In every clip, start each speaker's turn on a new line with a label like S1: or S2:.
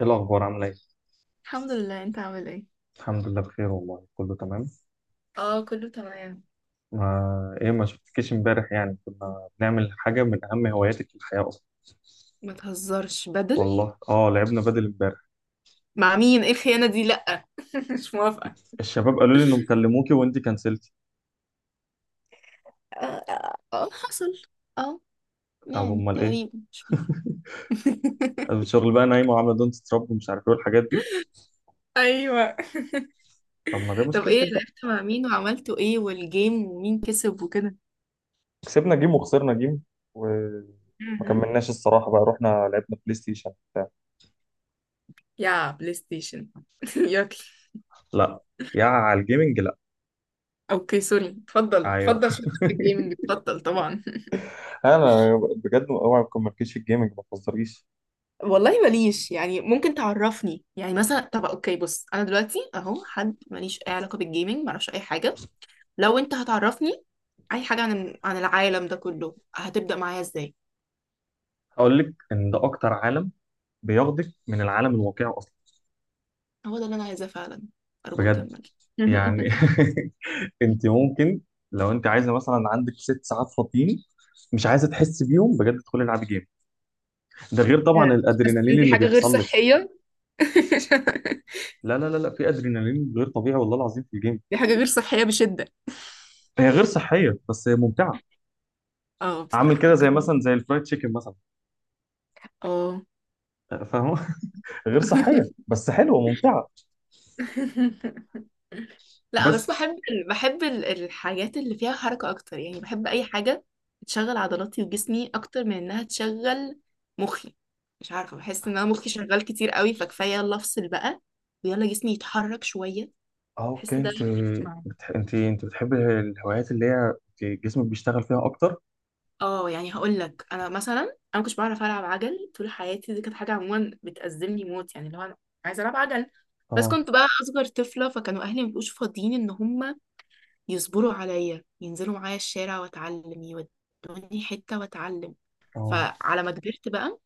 S1: ايه الاخبار؟ عامله ايه؟
S2: الحمد لله، انت عامل ايه؟
S1: الحمد لله، بخير والله، كله تمام.
S2: اه، كله تمام.
S1: ما ايه، ما شفتكيش امبارح، يعني كنا بنعمل حاجه من اهم هواياتك في الحياه اصلا.
S2: ما تهزرش! بدل
S1: والله اه، لعبنا بدل امبارح.
S2: مع مين؟ ايه الخيانة دي؟ لأ مش موافقة.
S1: الشباب قالوا لي انهم كلموكي وانت كنسلتي.
S2: اه، آه، آه، حصل. اه.
S1: طب
S2: يعني
S1: امال ايه؟
S2: تقريبا مش فاكرة.
S1: قالوا الشغل بقى نايمه وعامله دونت تراب ومش عارف ايه والحاجات دي.
S2: ايوه.
S1: طب ما ده
S2: طب ايه؟
S1: مشكلتك بقى.
S2: لعبت مع مين وعملتوا ايه؟ والجيم ومين كسب وكده؟
S1: كسبنا جيم وخسرنا جيم. وما
S2: مهم.
S1: كملناش الصراحة، بقى رحنا. لعبنا بلاي ستيشن بتاع.
S2: يا بلاي ستيشن. يلا.
S1: لا. يا على الجيمنج، لا.
S2: اوكي، سوري، اتفضل
S1: ايوه.
S2: اتفضل، شكرا، في الجيمنج اتفضل طبعا.
S1: انا بجد، اوعى ما تكون مركزش في الجيمنج، ما تهزريش.
S2: والله ماليش، يعني ممكن تعرفني يعني مثلا، طب اوكي بص، انا دلوقتي اهو حد ماليش اي علاقه بالجيمنج، معرفش اي حاجه. لو انت هتعرفني اي حاجه عن العالم ده كله، هتبدا معايا ازاي؟
S1: هقول لك ان ده اكتر عالم بياخدك من العالم الواقعي اصلا.
S2: هو ده اللي انا عايزاه فعلا. ارجوك
S1: بجد.
S2: كمل.
S1: يعني انت ممكن، لو انت عايزه مثلا عندك 6 ساعات فاضيين، مش عايزه تحس بيهم، بجد تدخلي العبي جيم. ده غير
S2: آه.
S1: طبعا
S2: حاسة إن
S1: الادرينالين
S2: دي
S1: اللي
S2: حاجة غير
S1: بيحصل لك.
S2: صحية.
S1: لا لا لا لا، في ادرينالين غير طبيعي والله العظيم في الجيم.
S2: دي حاجه غير صحيه بشده.
S1: هي غير صحيه بس هي ممتعه.
S2: اه،
S1: عامل
S2: بصراحه
S1: كده زي
S2: اوكي.
S1: مثلا، زي الفرايد تشيكن مثلا.
S2: اه.
S1: فاهمه؟ غير صحيه بس حلوه ممتعه.
S2: لا، بس
S1: بس.
S2: بحب الحاجات اللي فيها حركة أكتر، يعني بحب أي حاجة تشغل عضلاتي وجسمي أكتر من إنها تشغل مخي. مش عارفة، بحس إن أنا مخي شغال كتير قوي، فكفاية، يلا أفصل بقى، ويلا جسمي يتحرك شوية.
S1: اه، اوكي.
S2: بحس ده اللي بيجمع.
S1: انت بتحبي الهوايات اللي هي انت جسمك بيشتغل فيها اكتر؟
S2: اه، يعني هقول لك، أنا مثلا أنا ما كنتش بعرف ألعب عجل طول حياتي، دي كانت حاجة عموما بتأزمني موت، يعني اللي هو أنا عايزة ألعب عجل. بس
S1: اه،
S2: كنت بقى أصغر طفلة، فكانوا أهلي ما بيبقوش فاضيين إن هم يصبروا عليا ينزلوا معايا الشارع واتعلم، يودوني حتة واتعلم.
S1: اه،
S2: فعلى ما كبرت بقى،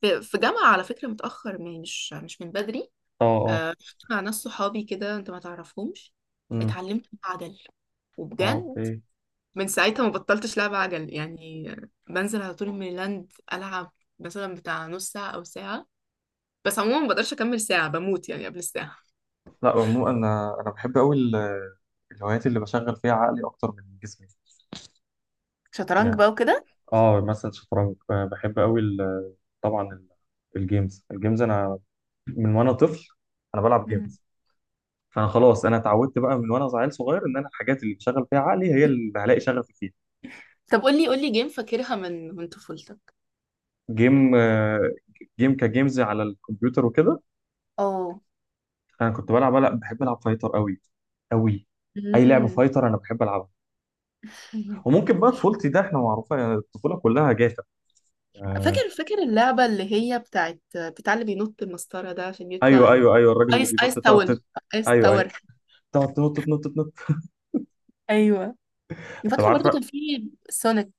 S2: في جامعة على فكرة، متأخر، مش من بدري.
S1: اه، اه.
S2: آه، رحت مع ناس صحابي كده، انت ما تعرفهمش.
S1: امم.
S2: اتعلمت عجل،
S1: اه،
S2: وبجد.
S1: اوكي.
S2: من ساعتها ما بطلتش لعب عجل يعني، بنزل على طول ميلاند ألعب، مثلا بتاع نص ساعة أو ساعة. بس عموما ما بقدرش أكمل ساعة، بموت يعني قبل الساعة.
S1: لا عموما، انا بحب قوي الهوايات اللي بشغل فيها عقلي اكتر من جسمي.
S2: شطرنج
S1: يعني
S2: بقى وكده.
S1: اه مثلا شطرنج، بحب قوي طبعا الجيمز، انا من وانا طفل انا بلعب
S2: مم.
S1: جيمز. فانا خلاص، انا اتعودت بقى من وانا عيل صغير ان انا الحاجات اللي بشغل فيها عقلي هي اللي هلاقي شغفي فيها.
S2: طب قولي قولي، جيم فاكرها من طفولتك؟
S1: جيم، جيم كجيمز على الكمبيوتر وكده.
S2: اه.
S1: انا كنت بلعب، لا بحب العب فايتر قوي قوي. اي لعبه
S2: مم.
S1: فايتر انا بحب العبها. وممكن بقى طفولتي ده احنا معروفه، يعني الطفوله كلها جافه. آه.
S2: فاكر اللعبة اللي هي بتاع اللي بينط المسطرة ده عشان يطلع
S1: ايوه
S2: ال.
S1: ايوه ايوه، الراجل اللي
S2: ايس
S1: بينط،
S2: ايس
S1: تقعد
S2: تاور ايس
S1: ايوه ايوه،
S2: تاور.
S1: تقعد تنط تنط تنط.
S2: ايوه.
S1: انت
S2: فاكرة برضو
S1: عارفه.
S2: كان في سونيك،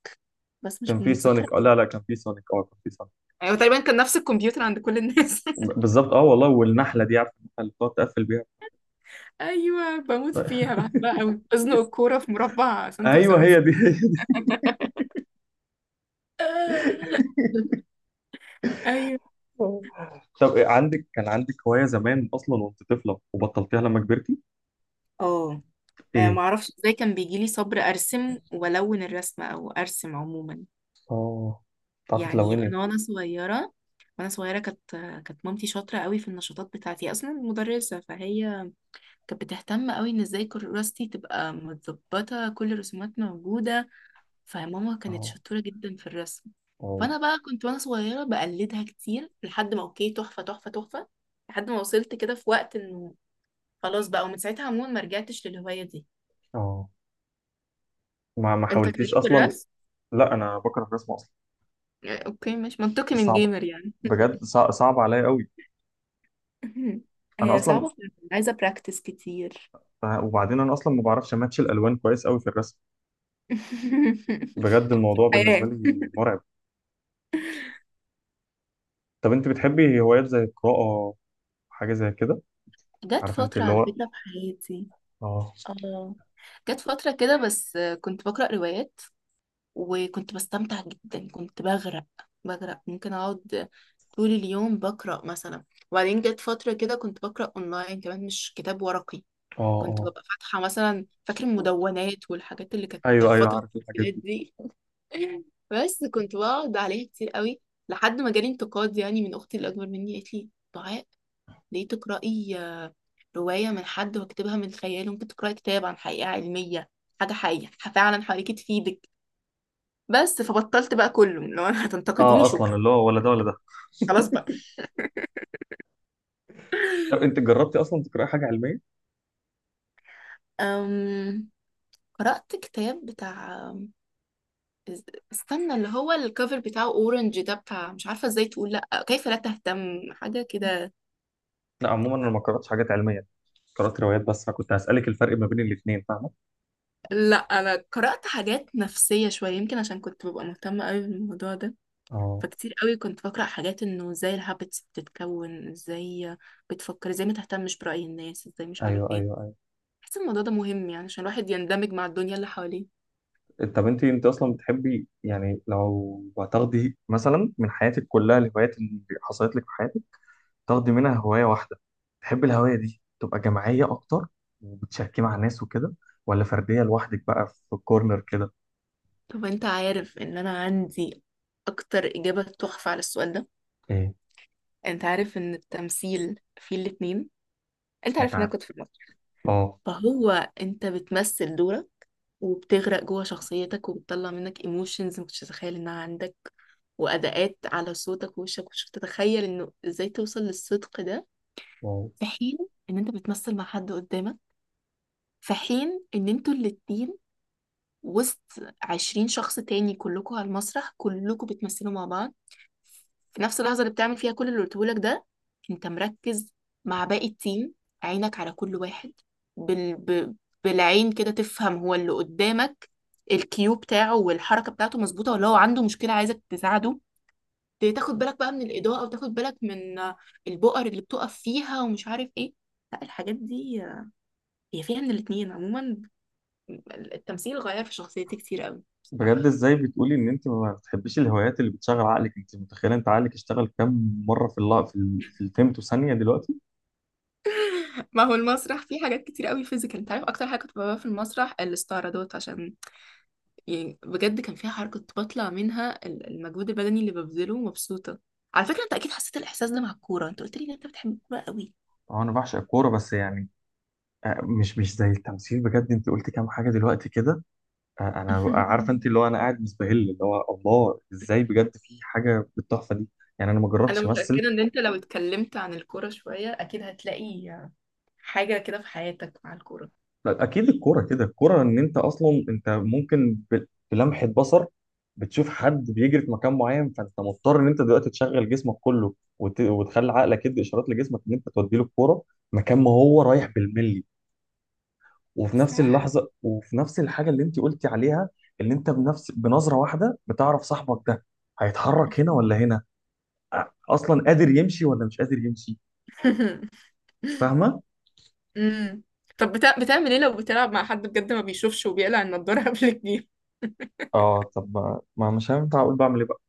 S2: بس مش
S1: كان في
S2: متذكرة
S1: سونيك، اه
S2: قوي.
S1: لا لا، كان في سونيك، اه كان في سونيك.
S2: ايوه، تقريبا كان نفس الكمبيوتر عند كل الناس.
S1: بالظبط، اه والله، والنحله دي، عارفه النحله اللي بتقعد تقفل بيها؟
S2: ايوه، بموت فيها، بحبها قوي، ازنق الكورة في مربع سنتي في
S1: ايوه
S2: سنتي.
S1: هي دي هي دي.
S2: ايوه.
S1: طب إيه، عندك كان عندك هوايه زمان اصلا وانت طفله وبطلتيها لما كبرتي؟
S2: اه. آه،
S1: ايه؟
S2: معرفش ازاي كان بيجيلي صبر ارسم والون الرسمة او ارسم عموما.
S1: اه. بتعرفي
S2: يعني
S1: تلوني؟
S2: انا وانا صغيره، كانت مامتي شاطره قوي في النشاطات بتاعتي، اصلا مدرسه، فهي كانت بتهتم قوي ان ازاي كراستي تبقى متظبطه، كل الرسومات موجوده. فماما كانت
S1: اه،
S2: شطوره جدا في الرسم.
S1: اه،
S2: فانا بقى كنت وانا صغيره بقلدها كتير، لحد ما اوكي تحفه تحفه تحفه، لحد ما وصلت كده في وقت انه خلاص بقى، ومن ساعتها عموما ما رجعتش للهوايه دي.
S1: اه. ما
S2: انت كان
S1: حاولتيش
S2: ليك في
S1: اصلا؟
S2: الرسم؟
S1: لا، انا بكره الرسم اصلا.
S2: اوكي، مش منطقي من
S1: صعب.
S2: جيمر يعني.
S1: بجد صعب عليا قوي. انا
S2: هي
S1: اصلا،
S2: صعبه فعلاً، عايزه براكتس كتير.
S1: وبعدين انا اصلا ما بعرفش ماتش الالوان كويس قوي في الرسم. بجد الموضوع بالنسبه
S2: حياة.
S1: لي مرعب. طب انت بتحبي هوايات زي القراءه؟ حاجه زي كده؟
S2: جت
S1: عارف انت
S2: فترة
S1: اللي
S2: على
S1: هو،
S2: فكرة في حياتي.
S1: اه،
S2: اه. جت فترة كده بس كنت بقرأ روايات، وكنت بستمتع جدا، كنت بغرق، ممكن أقعد طول اليوم بقرأ مثلا. وبعدين جت فترة كده كنت بقرأ أونلاين كمان، مش كتاب ورقي.
S1: اه،
S2: كنت
S1: اه،
S2: ببقى فاتحة مثلا، فاكر المدونات والحاجات اللي كانت في
S1: ايوه ايوه،
S2: فترة
S1: عارف الحاجات
S2: الامتحانات
S1: دي.
S2: دي. بس كنت بقعد عليها كتير قوي، لحد ما جالي انتقاد يعني من أختي اللي أكبر مني، قالت لي ليه تقرأي آه، رواية من حد واكتبها من خياله، ممكن تقرأي كتاب عن حقيقة علمية، حاجة حقيقية فعلا حواليكي تفيدك. بس فبطلت بقى كله، لو انا
S1: اه
S2: هتنتقديني
S1: اصلا،
S2: شكرا.
S1: اللي هو ولا ده ولا ده.
S2: خلاص بقى.
S1: طب انت جربتي اصلا تقراي حاجه علميه؟
S2: أم... قرأت كتاب بتاع إز- استنى، اللي هو الكفر بتاعه اورنج ده بتاع، مش عارفة ازاي تقول، لا كيف لا تهتم، حاجة كده.
S1: لا عموما، انا ما قراتش حاجات علميه، قرات روايات بس، فكنت هسالك الفرق ما بين الاثنين، فاهمه؟
S2: لا، انا قرأت حاجات نفسية شوية، يمكن عشان كنت ببقى مهتمة قوي بالموضوع ده.
S1: اه،
S2: فكتير قوي كنت بقرأ حاجات انه ازاي الهابتس بتتكون، ازاي بتفكر، ازاي ما تهتمش برأي الناس، ازاي مش عارف
S1: ايوه
S2: ايه.
S1: ايوه ايوه.
S2: بحس الموضوع ده مهم يعني، عشان الواحد يندمج مع الدنيا اللي حواليه.
S1: طب انت اصلا بتحبي، يعني لو هتاخدي مثلا من حياتك كلها الهوايات اللي حصلت لك في حياتك، تاخدي منها هوايه واحده، تحبي الهوايه دي تبقى جماعيه اكتر وبتشاركي مع ناس وكده، ولا فرديه لوحدك بقى في الكورنر كده؟
S2: طب انت عارف ان انا عندي اكتر اجابة تحفة على السؤال ده؟
S1: ايه؟
S2: انت عارف ان التمثيل فيه الاتنين. انت
S1: مش، انت
S2: عارف ان
S1: عارف.
S2: انا كنت في المسرح.
S1: اه،
S2: فهو، انت بتمثل دورك، وبتغرق جوه شخصيتك، وبتطلع منك ايموشنز ما كنتش تتخيل انها عندك، واداءات على صوتك ووشك مش تتخيل انه ازاي توصل للصدق ده.
S1: اه،
S2: في حين ان انت بتمثل مع حد قدامك، في حين ان انتوا الاتنين وسط 20 شخص تاني كلكوا على المسرح، كلكوا بتمثلوا مع بعض في نفس اللحظة اللي بتعمل فيها كل اللي قلتهولك ده. انت مركز مع باقي التيم، عينك على كل واحد، بال... ب... بالعين كده تفهم هو اللي قدامك الكيو بتاعه والحركة بتاعته مظبوطة، ولا هو عنده مشكلة عايزك تساعده. تاخد بالك بقى من الإضاءة، وتاخد بالك من البؤر اللي بتقف فيها ومش عارف ايه. لا، الحاجات دي هي فيها من الاتنين عموما. التمثيل غير في شخصيتي كتير قوي
S1: بجد
S2: بصراحة.
S1: ازاي بتقولي ان انت ما بتحبيش الهوايات اللي بتشغل عقلك؟ انت متخيله انت عقلك اشتغل كام مره في الفيمتو ثانيه دلوقتي؟
S2: ما هو المسرح فيه حاجات كتير قوي فيزيكال، انت عارف اكتر حاجه كنت بحبها في المسرح؟ الاستعراضات، عشان يعني بجد كان فيها حركه، كنت بطلع منها المجهود البدني اللي ببذله مبسوطه. على فكره، انت اكيد حسيت الاحساس ده مع الكوره، انت قلت لي ان انت بتحب الكوره قوي.
S1: اه، انا بعشق الكوره بس يعني، مش زي التمثيل. بجد انت قلت كام حاجه دلوقتي كده. انا عارف، انت اللي هو، انا قاعد مستهل اللي هو الله، ازاي بجد في حاجه بالتحفه دي. يعني انا ما
S2: انا
S1: جربتش امثل.
S2: متأكدة ان انت لو اتكلمت عن الكورة شوية اكيد هتلاقي حاجة كده في حياتك مع الكورة.
S1: لا، اكيد الكوره كده، الكوره ان انت اصلا انت ممكن بلمحه بصر بتشوف حد بيجري في مكان معين، فانت مضطر ان انت دلوقتي تشغل جسمك كله وتخلي عقلك يدي اشارات لجسمك ان انت تودي له الكوره مكان ما هو رايح بالملي. وفي
S2: صح.
S1: نفس اللحظه، وفي نفس الحاجه اللي انت قلتي عليها، ان انت بنفس بنظره واحده بتعرف صاحبك ده هيتحرك هنا ولا هنا، اصلا قادر يمشي ولا مش قادر يمشي. فاهمه؟
S2: امم. طب بتعمل ايه لو بتلعب مع حد بجد ما بيشوفش وبيقلع النضارة قبل الجيم؟
S1: اه، طب ما مش هينفع اقول بعمل ايه بقى.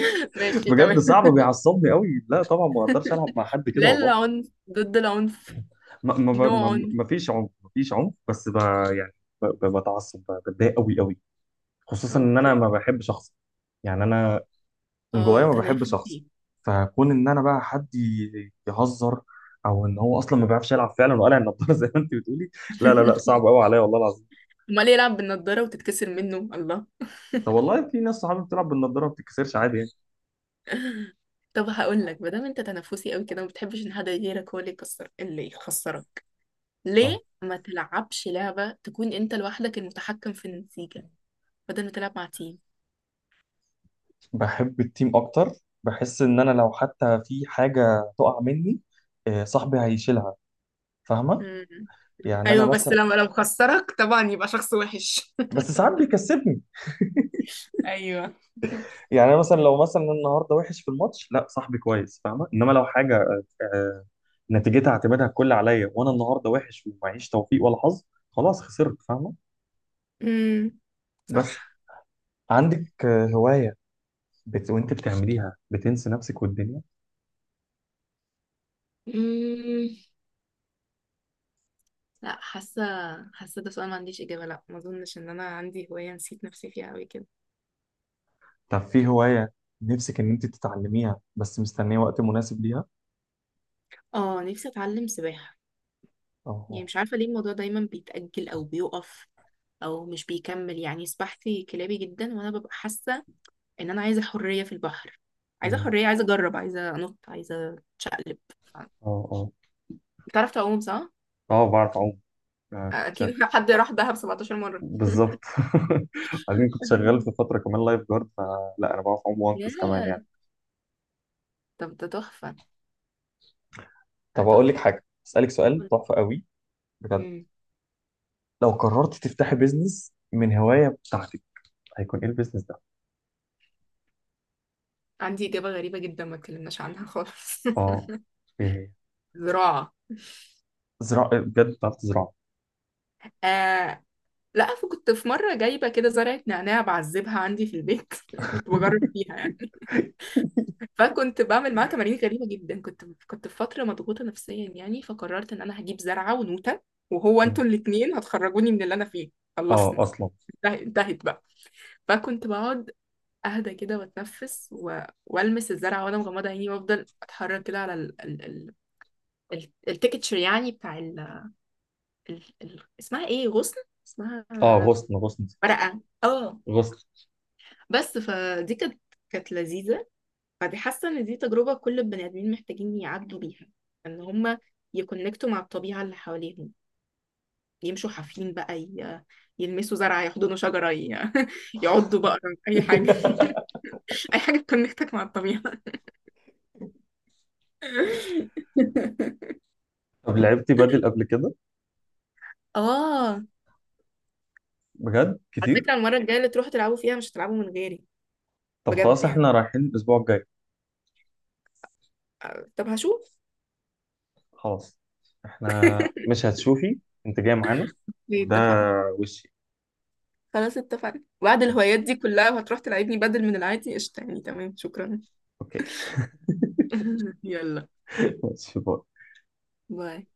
S2: ماشي
S1: بجد
S2: تمام.
S1: صعب، بيعصبني قوي. لا طبعا ما اقدرش العب مع حد كده
S2: لا،
S1: والله.
S2: العنف ضد العنف.
S1: ما, ما,
S2: نو
S1: ما,
S2: عنف.
S1: ما فيش عنف، ما فيش عنف، بس يعني بتعصب، بتضايق قوي قوي. خصوصا ان انا
S2: اوكي.
S1: ما بحبش اخسر. يعني انا من جوايا
S2: اه،
S1: ما بحبش اخسر.
S2: تنافسي.
S1: فكون ان انا بقى حد يهزر، او ان هو اصلا ما بيعرفش يلعب فعلا وقلع النضاره، زي ما انت بتقولي. لا لا لا، صعب قوي عليا والله العظيم.
S2: امال يلعب بالنضارة وتتكسر منه؟ الله.
S1: طب والله في ناس صحابي بتلعب بالنضاره ما بتتكسرش عادي يعني.
S2: طب هقول لك، ما دام انت تنافسي قوي كده وما بتحبش ان حد غيرك هو اللي يكسر، اللي يخسرك، ليه
S1: اه،
S2: ما تلعبش لعبة تكون انت لوحدك المتحكم في النتيجة بدل ما تلعب مع تيم؟
S1: بحب التيم اكتر. بحس ان انا لو حتى في حاجه تقع مني، صاحبي هيشيلها. فاهمه؟
S2: امم.
S1: يعني انا
S2: ايوه، بس
S1: مثلا،
S2: لما لو خسرك طبعا يبقى شخص وحش.
S1: بس ساعات بيكسبني.
S2: ايوه.
S1: يعني انا مثلا لو مثلا النهارده وحش في الماتش، لا صاحبي كويس، فاهمه. انما لو حاجه نتيجتها اعتمادها الكل عليا، وانا النهارده وحش ومعيش توفيق ولا حظ، خلاص خسرت، فاهمه؟
S2: امم.
S1: بس،
S2: صح.
S1: عندك هوايه وانت بتعمليها بتنسي نفسك والدنيا؟
S2: مم. لا، حاسه ده سؤال ما عنديش اجابه، لا، ما اظنش ان انا عندي هوايه نسيت نفسي فيها قوي كده.
S1: طب في هوايه نفسك ان انت تتعلميها بس مستنيه وقت مناسب ليها؟
S2: اه، نفسي اتعلم سباحه. يعني مش عارفه ليه الموضوع دايما بيتاجل، او بيقف، او مش بيكمل. يعني سباحتي كلابي جدا، وانا ببقى حاسه ان انا عايزه حريه في البحر، عايزه
S1: اه،
S2: حريه، عايزه اجرب، عايزه انط، عايزه اتشقلب. ف-
S1: اه، اه.
S2: بتعرف تعوم صح؟
S1: اه، بعرف اعوم. آه، شا-
S2: اكيد حد راح دهب 17 مرة.
S1: بالظبط. عشان كنت شغال في فتره كمان لايف جارد، فلا انا بعرف اعوم وانقذ كمان
S2: ياه.
S1: يعني.
S2: طب ده تحفه، ده
S1: طب اقول لك
S2: تحفه.
S1: حاجه، اسالك سؤال تحفه قوي. بجد،
S2: مم.
S1: لو قررت تفتحي بيزنس من هوايه بتاعتك، هيكون ايه البيزنس ده؟
S2: عندي إجابة غريبة جدا ما اتكلمناش عنها خالص.
S1: اه. ايه هي؟
S2: زراعة.
S1: زراعه؟ إيه، بجد بتعرف تزرع؟
S2: آه. لا، فكنت في مرة جايبة كده زرعة نعناع بعذبها عندي في البيت. كنت بجرب فيها يعني. فكنت بعمل معاها تمارين غريبة جدا، كنت في فترة مضغوطة نفسيا يعني، فقررت إن أنا هجيب زرعة ونوتة، وهو
S1: مم.
S2: أنتوا الاتنين هتخرجوني من اللي أنا فيه.
S1: اه
S2: خلصنا،
S1: اصلا.
S2: انتهت انتهت بقى. فكنت بقعد، اهدى كده واتنفس، و... والمس الزرعه وانا مغمضه عيني، وافضل اتحرك كده على التكتشر يعني بتاع اسمها ايه؟ غصن، اسمها
S1: اه، غصن غصن
S2: ورقة، اه.
S1: غصن.
S2: بس فدي كانت لذيذة. فدي حاسة ان دي تجربة كل البني ادمين محتاجين يعدوا بيها، ان هما يكونكتوا مع الطبيعة اللي حواليهم، يمشوا حافين بقى، يلمسوا زرعة، يحضنوا شجرة، يعضوا بقرة، أي حاجة. أي حاجة تكونكتك مع الطبيعة.
S1: طب لعبتي بدل قبل كده؟
S2: اه.
S1: بجد
S2: على
S1: كتير؟
S2: فكرة، المرة الجاية اللي تروحوا تلعبوا فيها مش هتلعبوا من غيري.
S1: طب
S2: بجد
S1: خلاص،
S2: يعني؟
S1: احنا رايحين الاسبوع الجاي.
S2: آه، طب هشوف.
S1: خلاص، احنا مش هتشوفي، انت جاي معانا. وده
S2: اتفقنا.
S1: وشي.
S2: خلاص اتفقنا، بعد
S1: خلاص.
S2: الهوايات دي كلها وهتروح تلعبني بدل من العادي، قشطة يعني، تمام، شكرا.
S1: اوكي.
S2: يلا،
S1: ماشي، باي.
S2: باي.